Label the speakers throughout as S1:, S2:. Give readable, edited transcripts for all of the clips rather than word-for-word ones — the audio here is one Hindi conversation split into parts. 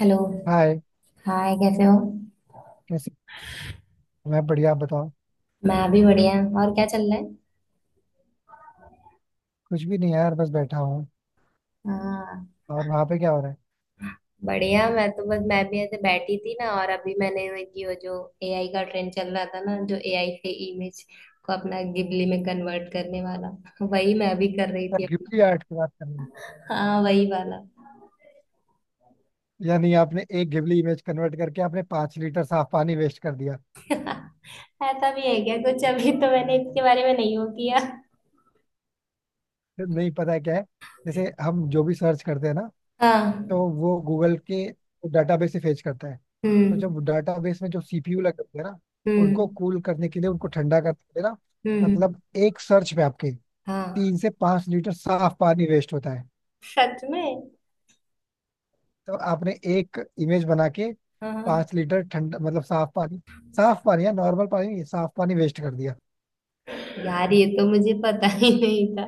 S1: हेलो।
S2: हाय।
S1: हाय, कैसे हो?
S2: कैसे मैं बढ़िया, आप बताओ।
S1: मैं भी बढ़िया। और क्या चल रहा है?
S2: कुछ भी नहीं यार, बस बैठा हूँ।
S1: हाँ।
S2: और वहां पे क्या हो रहा है?
S1: बढ़िया, मैं तो बस मैं भी ऐसे बैठी थी ना, और अभी मैंने ये वो जो एआई का ट्रेंड चल रहा था ना, जो एआई से इमेज को अपना गिबली में कन्वर्ट करने वाला वही मैं भी कर रही
S2: यार,
S1: थी
S2: घिबली
S1: अपना।
S2: आर्ट की बात कर रहे हैं।
S1: हाँ, वही वाला।
S2: या नहीं, आपने एक घिबली इमेज कन्वर्ट करके आपने पांच लीटर साफ पानी वेस्ट कर दिया।
S1: ऐसा भी है क्या कुछ? अभी तो मैंने इसके बारे में नहीं वो किया।
S2: फिर नहीं पता है क्या है। जैसे हम जो भी सर्च करते हैं ना, तो
S1: हाँ।
S2: वो गूगल के डाटाबेस से फेच करता है। तो
S1: हम्म।
S2: जब डाटाबेस में जो सीपीयू लगे होते हैं ना, उनको
S1: हम्म।
S2: कूल करने के लिए, उनको ठंडा करने के लिए ना,
S1: हम्म।
S2: मतलब एक सर्च पे आपके
S1: हाँ,
S2: तीन से पांच लीटर साफ पानी वेस्ट होता है।
S1: सच में?
S2: तो आपने एक इमेज बना के
S1: हाँ
S2: पांच लीटर ठंडा मतलब साफ पानी, साफ पानी या नॉर्मल पानी नहीं, साफ पानी वेस्ट कर दिया।
S1: यार, ये तो मुझे पता ही नहीं था।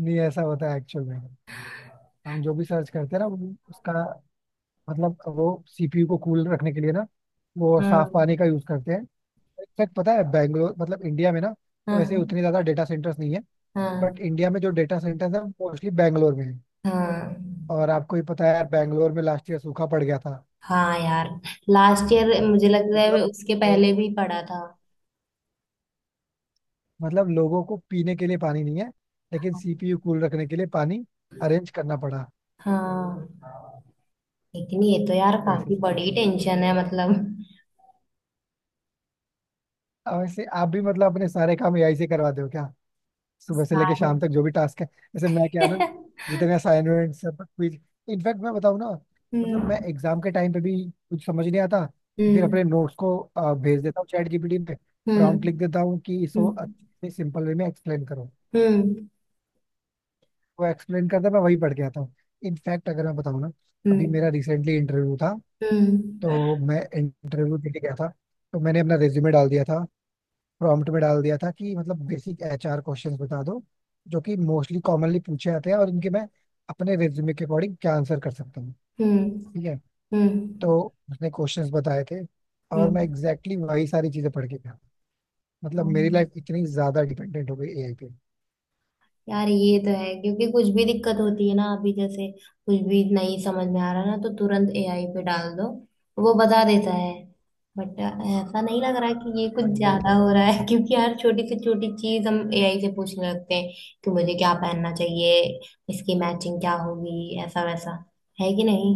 S2: नहीं ऐसा होता है एक्चुअल में। हम जो भी सर्च करते हैं ना, वो उसका मतलब वो सीपीयू को कूल रखने के लिए ना, वो साफ
S1: हम्म।
S2: पानी का यूज करते हैं। इनफैक्ट पता है बैंगलोर मतलब इंडिया में ना, तो वैसे
S1: हाँ।
S2: उतने ज्यादा डेटा सेंटर्स नहीं है।
S1: हाँ।
S2: बट इंडिया में जो डेटा सेंटर्स है, मोस्टली बैंगलोर में है।
S1: हाँ।
S2: और आपको ही पता है, बैंगलोर में लास्ट ईयर सूखा पड़ गया था।
S1: हाँ यार, लास्ट ईयर मुझे लग रहा है
S2: मतलब
S1: उसके पहले भी पढ़ा था।
S2: लोगों को पीने के लिए पानी नहीं है, लेकिन सीपीयू कूल रखने के लिए पानी अरेंज करना पड़ा।
S1: हाँ। लेकिन ये तो यार
S2: तो ऐसी
S1: काफी बड़ी
S2: सिचुएशन में,
S1: टेंशन है, मतलब।
S2: अब वैसे आप भी मतलब अपने सारे काम एआई से करवाते हो क्या? सुबह से लेके
S1: सारे।
S2: शाम तक जो भी टास्क है, जैसे मैं, क्या है ना, जितने असाइनमेंट, सब क्विज, इनफैक्ट मैं बताऊँ ना, मतलब मैं
S1: हम्म।
S2: एग्जाम के टाइम पे भी कुछ समझ नहीं आता तो फिर
S1: हम्म।
S2: अपने नोट्स को भेज देता हूँ चैट जीपीटी में।
S1: हम्म।
S2: प्रॉम्प्ट लिख देता हूँ कि इसको
S1: हम्म।
S2: अच्छे सिंपल वे में एक्सप्लेन करो।
S1: हम्म।
S2: वो एक्सप्लेन करता है, मैं वही पढ़ के आता हूँ। इनफैक्ट अगर मैं बताऊँ ना, अभी मेरा
S1: हम्म।
S2: रिसेंटली इंटरव्यू था।
S1: हम्म।
S2: तो मैं इंटरव्यू देने गया था, तो मैंने अपना रिज्यूमे डाल दिया था, प्रॉम्प्ट में डाल दिया था कि मतलब बेसिक एचआर क्वेश्चंस बता दो, जो कि मोस्टली कॉमनली पूछे जाते हैं, और इनके मैं अपने रिज्यूमे के अकॉर्डिंग क्या आंसर कर सकता हूँ।
S1: हम्म।
S2: ठीक है,
S1: हम्म।
S2: तो उसने क्वेश्चंस बताए थे और
S1: हम्म,
S2: मैं एग्जैक्टली वही सारी चीजें पढ़ के गया। मतलब मेरी
S1: हम्म।
S2: लाइफ इतनी ज्यादा डिपेंडेंट हो गई एआई पे।
S1: यार ये तो है, क्योंकि कुछ भी दिक्कत होती है ना, अभी जैसे कुछ भी नहीं समझ में आ रहा ना तो तुरंत एआई पे डाल दो, वो बता देता है। बट ऐसा नहीं लग रहा कि ये कुछ
S2: हाँ ये तो
S1: ज्यादा
S2: है।
S1: हो रहा है? क्योंकि हर छोटी से छोटी चीज हम एआई से पूछने लगते हैं कि मुझे क्या पहनना चाहिए, इसकी मैचिंग क्या होगी, ऐसा वैसा, है कि नहीं।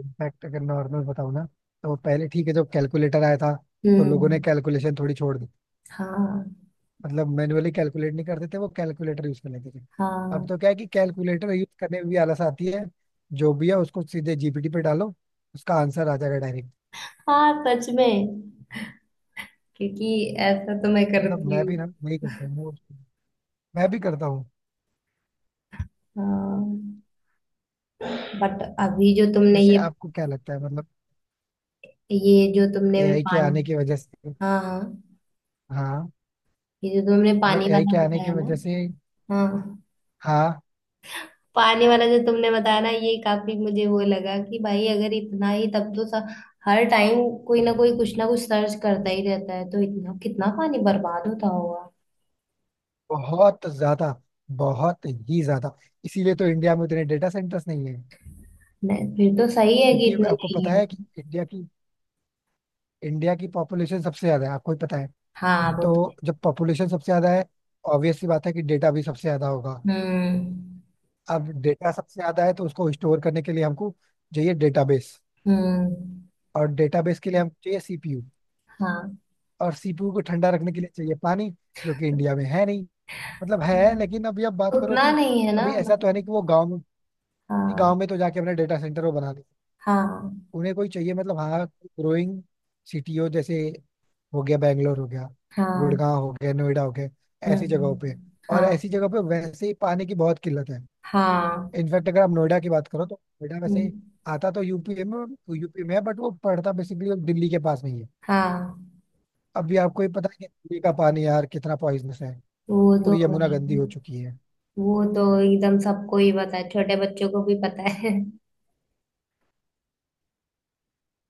S2: इनफैक्ट अगर नॉर्मल बताऊँ ना, तो पहले ठीक है, जब कैलकुलेटर आया था तो लोगों ने
S1: हम्म।
S2: कैलकुलेशन थोड़ी छोड़ दी।
S1: हाँ।
S2: मतलब मैनुअली कैलकुलेट नहीं करते थे, वो कैलकुलेटर यूज कर लेते थे। अब
S1: हाँ।
S2: तो क्या है कि कैलकुलेटर यूज करने में भी आलस आती है। जो भी है उसको सीधे जीपीटी पे डालो, उसका आंसर आ जाएगा डायरेक्ट।
S1: हाँ, सच में। क्योंकि ऐसा तो मैं
S2: मतलब
S1: करती
S2: मैं
S1: हूँ।
S2: भी ना वही करता हूँ मैं भी करता हूँ।
S1: हाँ। बट अभी जो तुमने
S2: वैसे
S1: ये
S2: आपको क्या लगता है मतलब
S1: ये जो तुमने भी
S2: एआई के आने
S1: पानी।
S2: की वजह से,
S1: हाँ हाँ।
S2: हाँ,
S1: ये जो तुमने
S2: मतलब
S1: पानी
S2: एआई
S1: वाला
S2: के आने की
S1: बताया ना,
S2: वजह से,
S1: हाँ,
S2: हाँ।
S1: पानी वाला जो तुमने बताया ना, ये काफी मुझे वो लगा कि भाई अगर इतना ही, तब तो हर टाइम कोई ना कोई कुछ ना कुछ सर्च करता ही रहता है तो इतना कितना पानी बर्बाद होता होगा।
S2: बहुत ज्यादा, बहुत ही ज्यादा। इसीलिए तो इंडिया में उतने डेटा सेंटर्स नहीं है।
S1: नहीं, फिर तो सही है कि
S2: क्योंकि
S1: इतने
S2: आपको पता
S1: नहीं है।
S2: है कि इंडिया की पॉपुलेशन सबसे ज्यादा है, आपको ही पता है।
S1: हाँ वो तो।
S2: तो जब पॉपुलेशन सबसे ज्यादा है, ऑब्वियस सी बात है कि डेटा भी सबसे ज्यादा होगा।
S1: हम्म।
S2: अब डेटा सबसे ज्यादा है तो उसको स्टोर करने के लिए हमको चाहिए डेटाबेस,
S1: हम्म।
S2: और डेटाबेस के लिए हमको चाहिए सीपीयू,
S1: हाँ।
S2: और सीपीयू को ठंडा रखने के लिए चाहिए पानी, जो कि इंडिया में है नहीं। मतलब है, लेकिन अभी आप बात करो
S1: उतना
S2: कि
S1: नहीं है ना,
S2: अभी ऐसा तो है नहीं
S1: मतलब।
S2: कि वो गाँव में,
S1: हाँ।
S2: गाँव में तो जाके अपने डेटा सेंटर वो बना दें।
S1: हाँ।
S2: उन्हें कोई चाहिए मतलब, हाँ, ग्रोइंग सिटी हो, जैसे हो गया बैंगलोर हो गया,
S1: हाँ।
S2: गुड़गांव हो गया, नोएडा हो गया, ऐसी जगहों
S1: हम्म।
S2: पे। और
S1: हाँ।
S2: ऐसी जगह पे वैसे ही पानी की बहुत किल्लत है।
S1: हाँ।
S2: इनफैक्ट अगर आप नोएडा की बात करो तो नोएडा वैसे
S1: हम्म,
S2: आता तो यूपी में, यूपी में है, बट वो पड़ता बेसिकली दिल्ली के पास में ही है।
S1: हाँ
S2: अभी आपको ही पता है कि दिल्ली का पानी यार कितना पॉइजनस है,
S1: वो तो
S2: पूरी यमुना
S1: भाई।
S2: गंदी हो चुकी है।
S1: वो तो एकदम सबको ही पता है, छोटे बच्चों को भी पता है।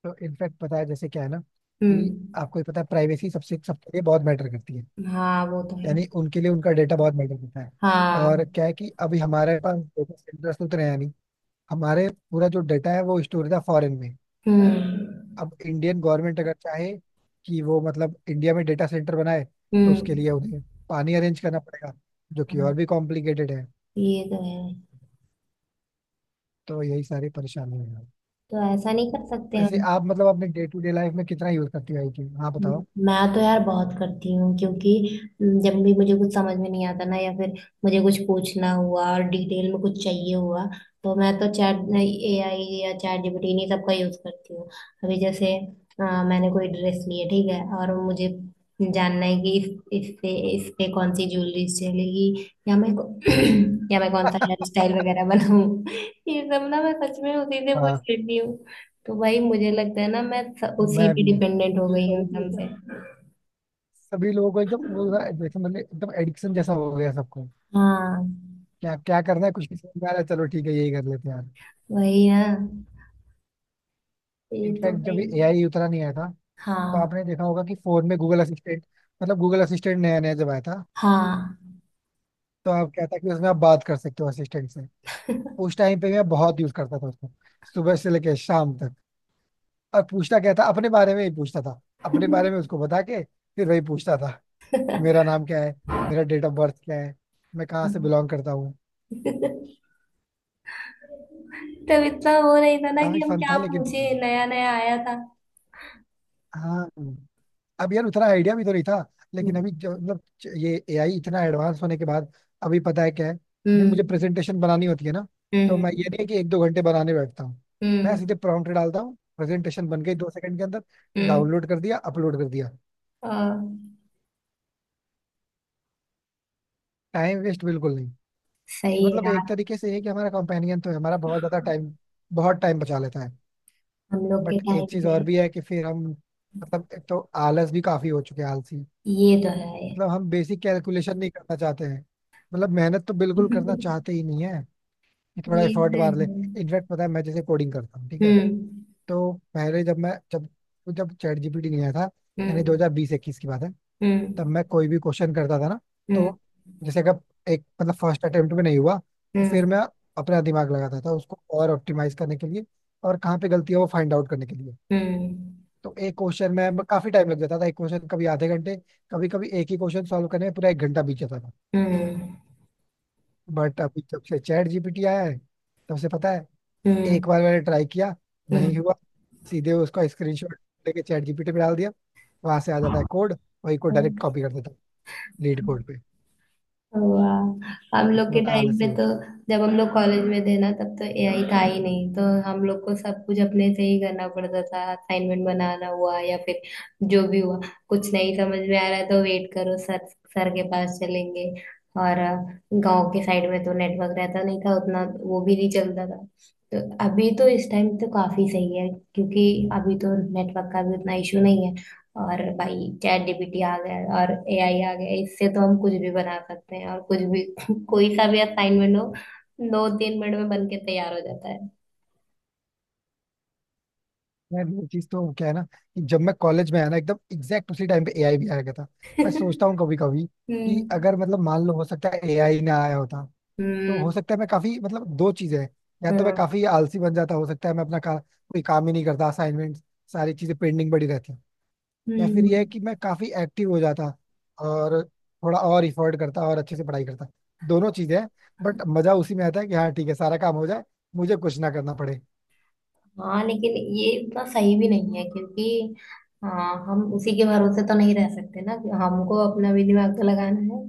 S2: तो इनफैक्ट पता है, जैसे क्या है ना कि
S1: हम्म।
S2: आपको ही पता है प्राइवेसी सबसे सबके लिए बहुत मैटर करती है,
S1: हाँ वो तो है।
S2: यानी उनके लिए उनका डेटा बहुत मैटर करता है। और
S1: हाँ।
S2: क्या है कि अभी हमारे पास डेटा सेंटर्स तो उतरे हैं नहीं, हमारे पूरा जो डेटा है वो स्टोर था फॉरेन में।
S1: हम्म।
S2: अब इंडियन गवर्नमेंट अगर चाहे कि वो मतलब इंडिया में डेटा सेंटर बनाए, तो उसके
S1: हम्म।
S2: लिए उन्हें पानी अरेंज करना पड़ेगा, जो कि
S1: हाँ,
S2: और भी कॉम्प्लिकेटेड है।
S1: ये तो है।
S2: तो यही सारी परेशानी है।
S1: तो ऐसा नहीं कर सकते
S2: वैसे
S1: हम।
S2: आप मतलब अपने डे टू डे लाइफ में कितना यूज करती हो आई टी? हाँ बताओ।
S1: मैं तो यार बहुत करती हूँ, क्योंकि जब भी मुझे कुछ समझ में नहीं आता ना, या फिर मुझे कुछ पूछना हुआ और डिटेल में कुछ चाहिए हुआ तो मैं तो चैट एआई या चैट जीपीटी इन्हीं सब का यूज करती हूँ। अभी जैसे मैंने कोई ड्रेस ली है, ठीक है, और मुझे जानना है कि इस इससे इस पे कौन सी ज्वेलरी चलेगी या या मैं कौन सा हेयर स्टाइल वगैरह बनाऊँ। ये सब ना मैं सच में उसी से पूछ
S2: हाँ।
S1: लेती। तो वही मुझे लगता है ना,
S2: मैं
S1: उसी पे
S2: भी
S1: डिपेंडेंट हो
S2: ये
S1: गई हूँ
S2: सारी
S1: एकदम
S2: चीजें।
S1: से।
S2: सभी लोगों को एकदम वो ना, जैसे मतलब एकदम एडिक्शन जैसा हो गया सबको।
S1: हाँ।
S2: क्या क्या करना है कुछ नहीं समझ में आ रहा है, चलो ठीक है यही कर लेते हैं यार।
S1: वही ना। ये तो
S2: इनफैक्ट
S1: भाई।
S2: जब ये एआई उतना नहीं आया था, तो
S1: हाँ।
S2: आपने देखा होगा कि फोन में गूगल असिस्टेंट, मतलब गूगल असिस्टेंट नया नया जब आया था,
S1: हाँ।
S2: तो आप कहता कि उसमें आप बात कर सकते हो असिस्टेंट से। उस टाइम पे मैं बहुत यूज करता था उसको, सुबह से लेकर शाम तक। और पूछता क्या था, अपने बारे में ही पूछता था। अपने बारे में उसको बता के फिर वही पूछता था कि मेरा नाम क्या है, मेरा डेट ऑफ बर्थ क्या है, मैं कहाँ
S1: तब
S2: से बिलोंग करता हूँ।
S1: इतना वो नहीं था ना कि
S2: काफी
S1: हम
S2: फन था
S1: क्या
S2: लेकिन।
S1: पूछे, नया नया आया था।
S2: हाँ। अब यार उतना आइडिया भी तो नहीं था। लेकिन अभी जो मतलब ये एआई इतना एडवांस होने के बाद, अभी पता है क्या है, अभी मुझे
S1: हम्म।
S2: प्रेजेंटेशन बनानी होती है ना, तो
S1: हम्म।
S2: मैं ये नहीं है कि एक दो घंटे बनाने बैठता हूँ। मैं
S1: हम्म।
S2: सीधे प्रॉम्प्ट डालता हूँ, प्रेजेंटेशन बन गई दो सेकंड के अंदर,
S1: हम्म।
S2: डाउनलोड कर दिया, अपलोड कर दिया,
S1: आ,
S2: टाइम वेस्ट बिल्कुल नहीं। ये
S1: सही है
S2: मतलब एक
S1: यार।
S2: तरीके से ये है कि हमारा कंपेनियन तो है, हमारा बहुत ज्यादा टाइम, बहुत टाइम बचा लेता है।
S1: हम लोग के
S2: बट एक
S1: टाइम
S2: चीज और
S1: में।
S2: भी है कि फिर हम, मतलब एक तो आलस भी काफी हो चुके हैं, आलसी।
S1: ये तो है।
S2: मतलब हम बेसिक कैलकुलेशन नहीं करना चाहते हैं, मतलब मेहनत तो बिल्कुल करना चाहते ही नहीं है कि थोड़ा
S1: ये तो
S2: एफर्ट मार ले।
S1: है।
S2: इनफैक्ट पता है, मैं जैसे कोडिंग करता हूँ ठीक है,
S1: हम्म।
S2: तो पहले जब मैं जब जब चैट जीपीटी नहीं आया था, यानी
S1: हम्म।
S2: 2020-21 की बात है, तब
S1: हम्म।
S2: मैं कोई भी क्वेश्चन करता था ना,
S1: हम्म।
S2: तो जैसे अगर एक मतलब फर्स्ट अटेम्प्ट में नहीं हुआ, तो फिर
S1: हम्म।
S2: मैं अपना दिमाग लगाता था उसको और ऑप्टिमाइज करने के लिए, और कहाँ पे गलती है वो फाइंड आउट करने के लिए।
S1: हम्म।
S2: तो एक क्वेश्चन में काफी टाइम लग जाता था, एक क्वेश्चन कभी आधे घंटे, कभी कभी एक ही क्वेश्चन सॉल्व करने में पूरा एक घंटा बीत जाता था।
S1: हम्म।
S2: बट अभी जब से चैट जीपीटी आया है, तब से पता है, एक
S1: हम्म।
S2: बार मैंने ट्राई किया, नहीं
S1: हम्म।
S2: हुआ, सीधे उसका स्क्रीनशॉट लेके चैट जीपीटी पे डाल दिया, वहां से आ जाता है कोड, वही कोड डायरेक्ट कॉपी कर देता हूँ लीड कोड पे।
S1: हुआ। हम लोग के
S2: इतना
S1: टाइम
S2: आलसी
S1: पे
S2: हो
S1: तो
S2: चुका
S1: जब हम लोग कॉलेज में थे ना, तब तो एआई था ही नहीं, तो हम लोग को सब कुछ अपने से ही करना पड़ता था। असाइनमेंट बनाना हुआ या फिर जो भी हुआ, कुछ नहीं समझ में आ रहा है तो वेट करो सर, सर के पास चलेंगे। और गांव के साइड में तो नेटवर्क रहता नहीं था उतना, वो भी नहीं चलता था। तो अभी तो इस टाइम तो काफी सही है, क्योंकि अभी तो नेटवर्क का भी उतना इशू नहीं है। और भाई, चैट जीपीटी आ गया है और एआई आ गया है। इससे तो हम कुछ भी बना सकते हैं, और कुछ भी कोई सा भी असाइनमेंट हो 2-3 मिनट में बन के तैयार हो जाता है।
S2: है। ये चीज तो क्या है ना कि जब मैं कॉलेज में आया ना, एकदम एग्जैक्ट उसी टाइम पे एआई भी आया गया था। मैं सोचता हूँ कभी कभी कि
S1: हम्म।
S2: अगर मतलब मान लो हो सकता है एआई ना आया होता, तो
S1: हम्म।
S2: हो सकता है मैं काफी, मतलब दो चीजें हैं, या तो मैं
S1: हाँ।
S2: काफी आलसी बन जाता, हो सकता है मैं अपना कोई काम ही नहीं करता, असाइनमेंट, सारी चीजें पेंडिंग पड़ी रहती। या फिर यह है
S1: हम्म।
S2: कि मैं काफी एक्टिव हो जाता, और थोड़ा और इफर्ट करता, और अच्छे से पढ़ाई करता। दोनों चीजें हैं। बट मजा उसी में आता है कि हाँ ठीक है सारा काम हो जाए, मुझे कुछ ना करना पड़े।
S1: हाँ लेकिन ये इतना सही भी नहीं है, क्योंकि हाँ हम उसी के भरोसे तो नहीं रह सकते ना, हमको अपना भी दिमाग तो लगाना है।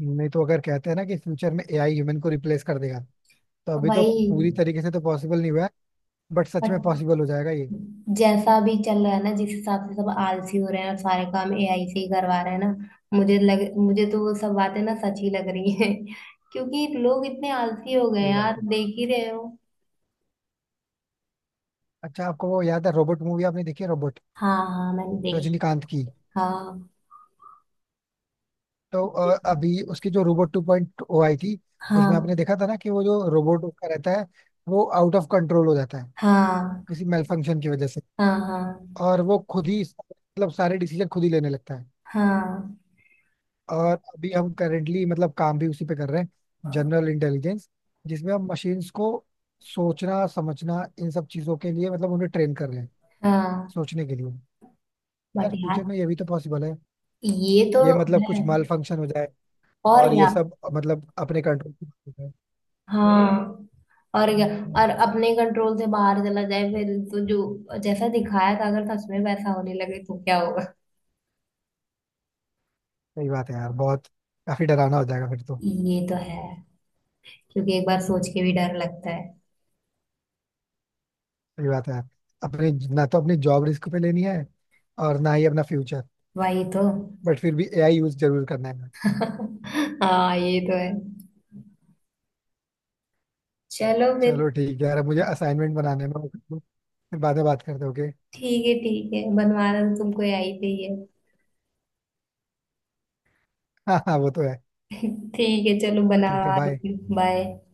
S2: नहीं तो अगर कहते हैं ना कि फ्यूचर में एआई ह्यूमन को रिप्लेस कर देगा, तो
S1: तो
S2: अभी तो
S1: भाई
S2: पूरी तरीके से तो पॉसिबल नहीं हुआ है, बट सच में पॉसिबल हो जाएगा ये।
S1: जैसा भी चल रहा है ना, जिस हिसाब से सब आलसी हो रहे हैं और सारे काम एआई से ही करवा रहे हैं ना, मुझे तो वो सब बातें ना सच ही लग रही हैं। क्योंकि लोग इतने आलसी हो गए
S2: ये
S1: हैं
S2: बात
S1: यार,
S2: है।
S1: देख ही रहे हो।
S2: अच्छा आपको वो याद है, रोबोट मूवी आपने देखी है, रोबोट,
S1: हाँ हाँ, मैंने देखी।
S2: रजनीकांत की।
S1: हाँ।
S2: तो अभी उसकी जो रोबोट टू पॉइंट ओ आई थी, उसमें आपने
S1: हाँ।
S2: देखा था ना कि वो जो रोबोट उसका रहता है, वो आउट ऑफ कंट्रोल हो जाता है
S1: हाँ।
S2: किसी मेल फंक्शन की वजह से,
S1: हाँ। हाँ।
S2: और वो खुद ही मतलब सारे डिसीजन खुद ही लेने लगता है।
S1: हाँ।
S2: और अभी हम करेंटली मतलब काम भी उसी पे कर रहे हैं, जनरल इंटेलिजेंस, जिसमें हम मशीन्स को सोचना समझना इन सब चीजों के लिए, मतलब उन्हें ट्रेन कर रहे हैं
S1: हाँ।
S2: सोचने के लिए। यार
S1: बट
S2: फ्यूचर
S1: यार,
S2: में ये भी तो पॉसिबल है,
S1: ये तो
S2: ये मतलब कुछ
S1: है।
S2: माल फंक्शन हो जाए,
S1: और
S2: और ये
S1: क्या।
S2: सब मतलब अपने कंट्रोल।
S1: हाँ। और क्या। और अपने कंट्रोल से बाहर चला जाए फिर तो, जो जैसा दिखाया था अगर सच में वैसा होने लगे तो क्या होगा।
S2: सही बात है यार, बहुत काफी डरावना हो जाएगा फिर तो।
S1: ये तो है, क्योंकि एक बार सोच के भी डर लगता है।
S2: सही बात है यार, अपने ना तो अपनी जॉब रिस्क पे लेनी है और ना ही अपना फ्यूचर।
S1: वही तो।
S2: बट फिर भी एआई यूज जरूर करना है।
S1: हाँ, ये तो है। चलो फिर।
S2: चलो ठीक है यार, अब मुझे असाइनमेंट बनाने में वो- फिर बाद में बात करते, ओके।
S1: ठीक है ठीक है, बनवाना तो तुमको आई पे ही है।
S2: हाँ हाँ वो तो है।
S1: ठीक है चलो, बना
S2: ठीक है,
S1: लो,
S2: बाय।
S1: बाय।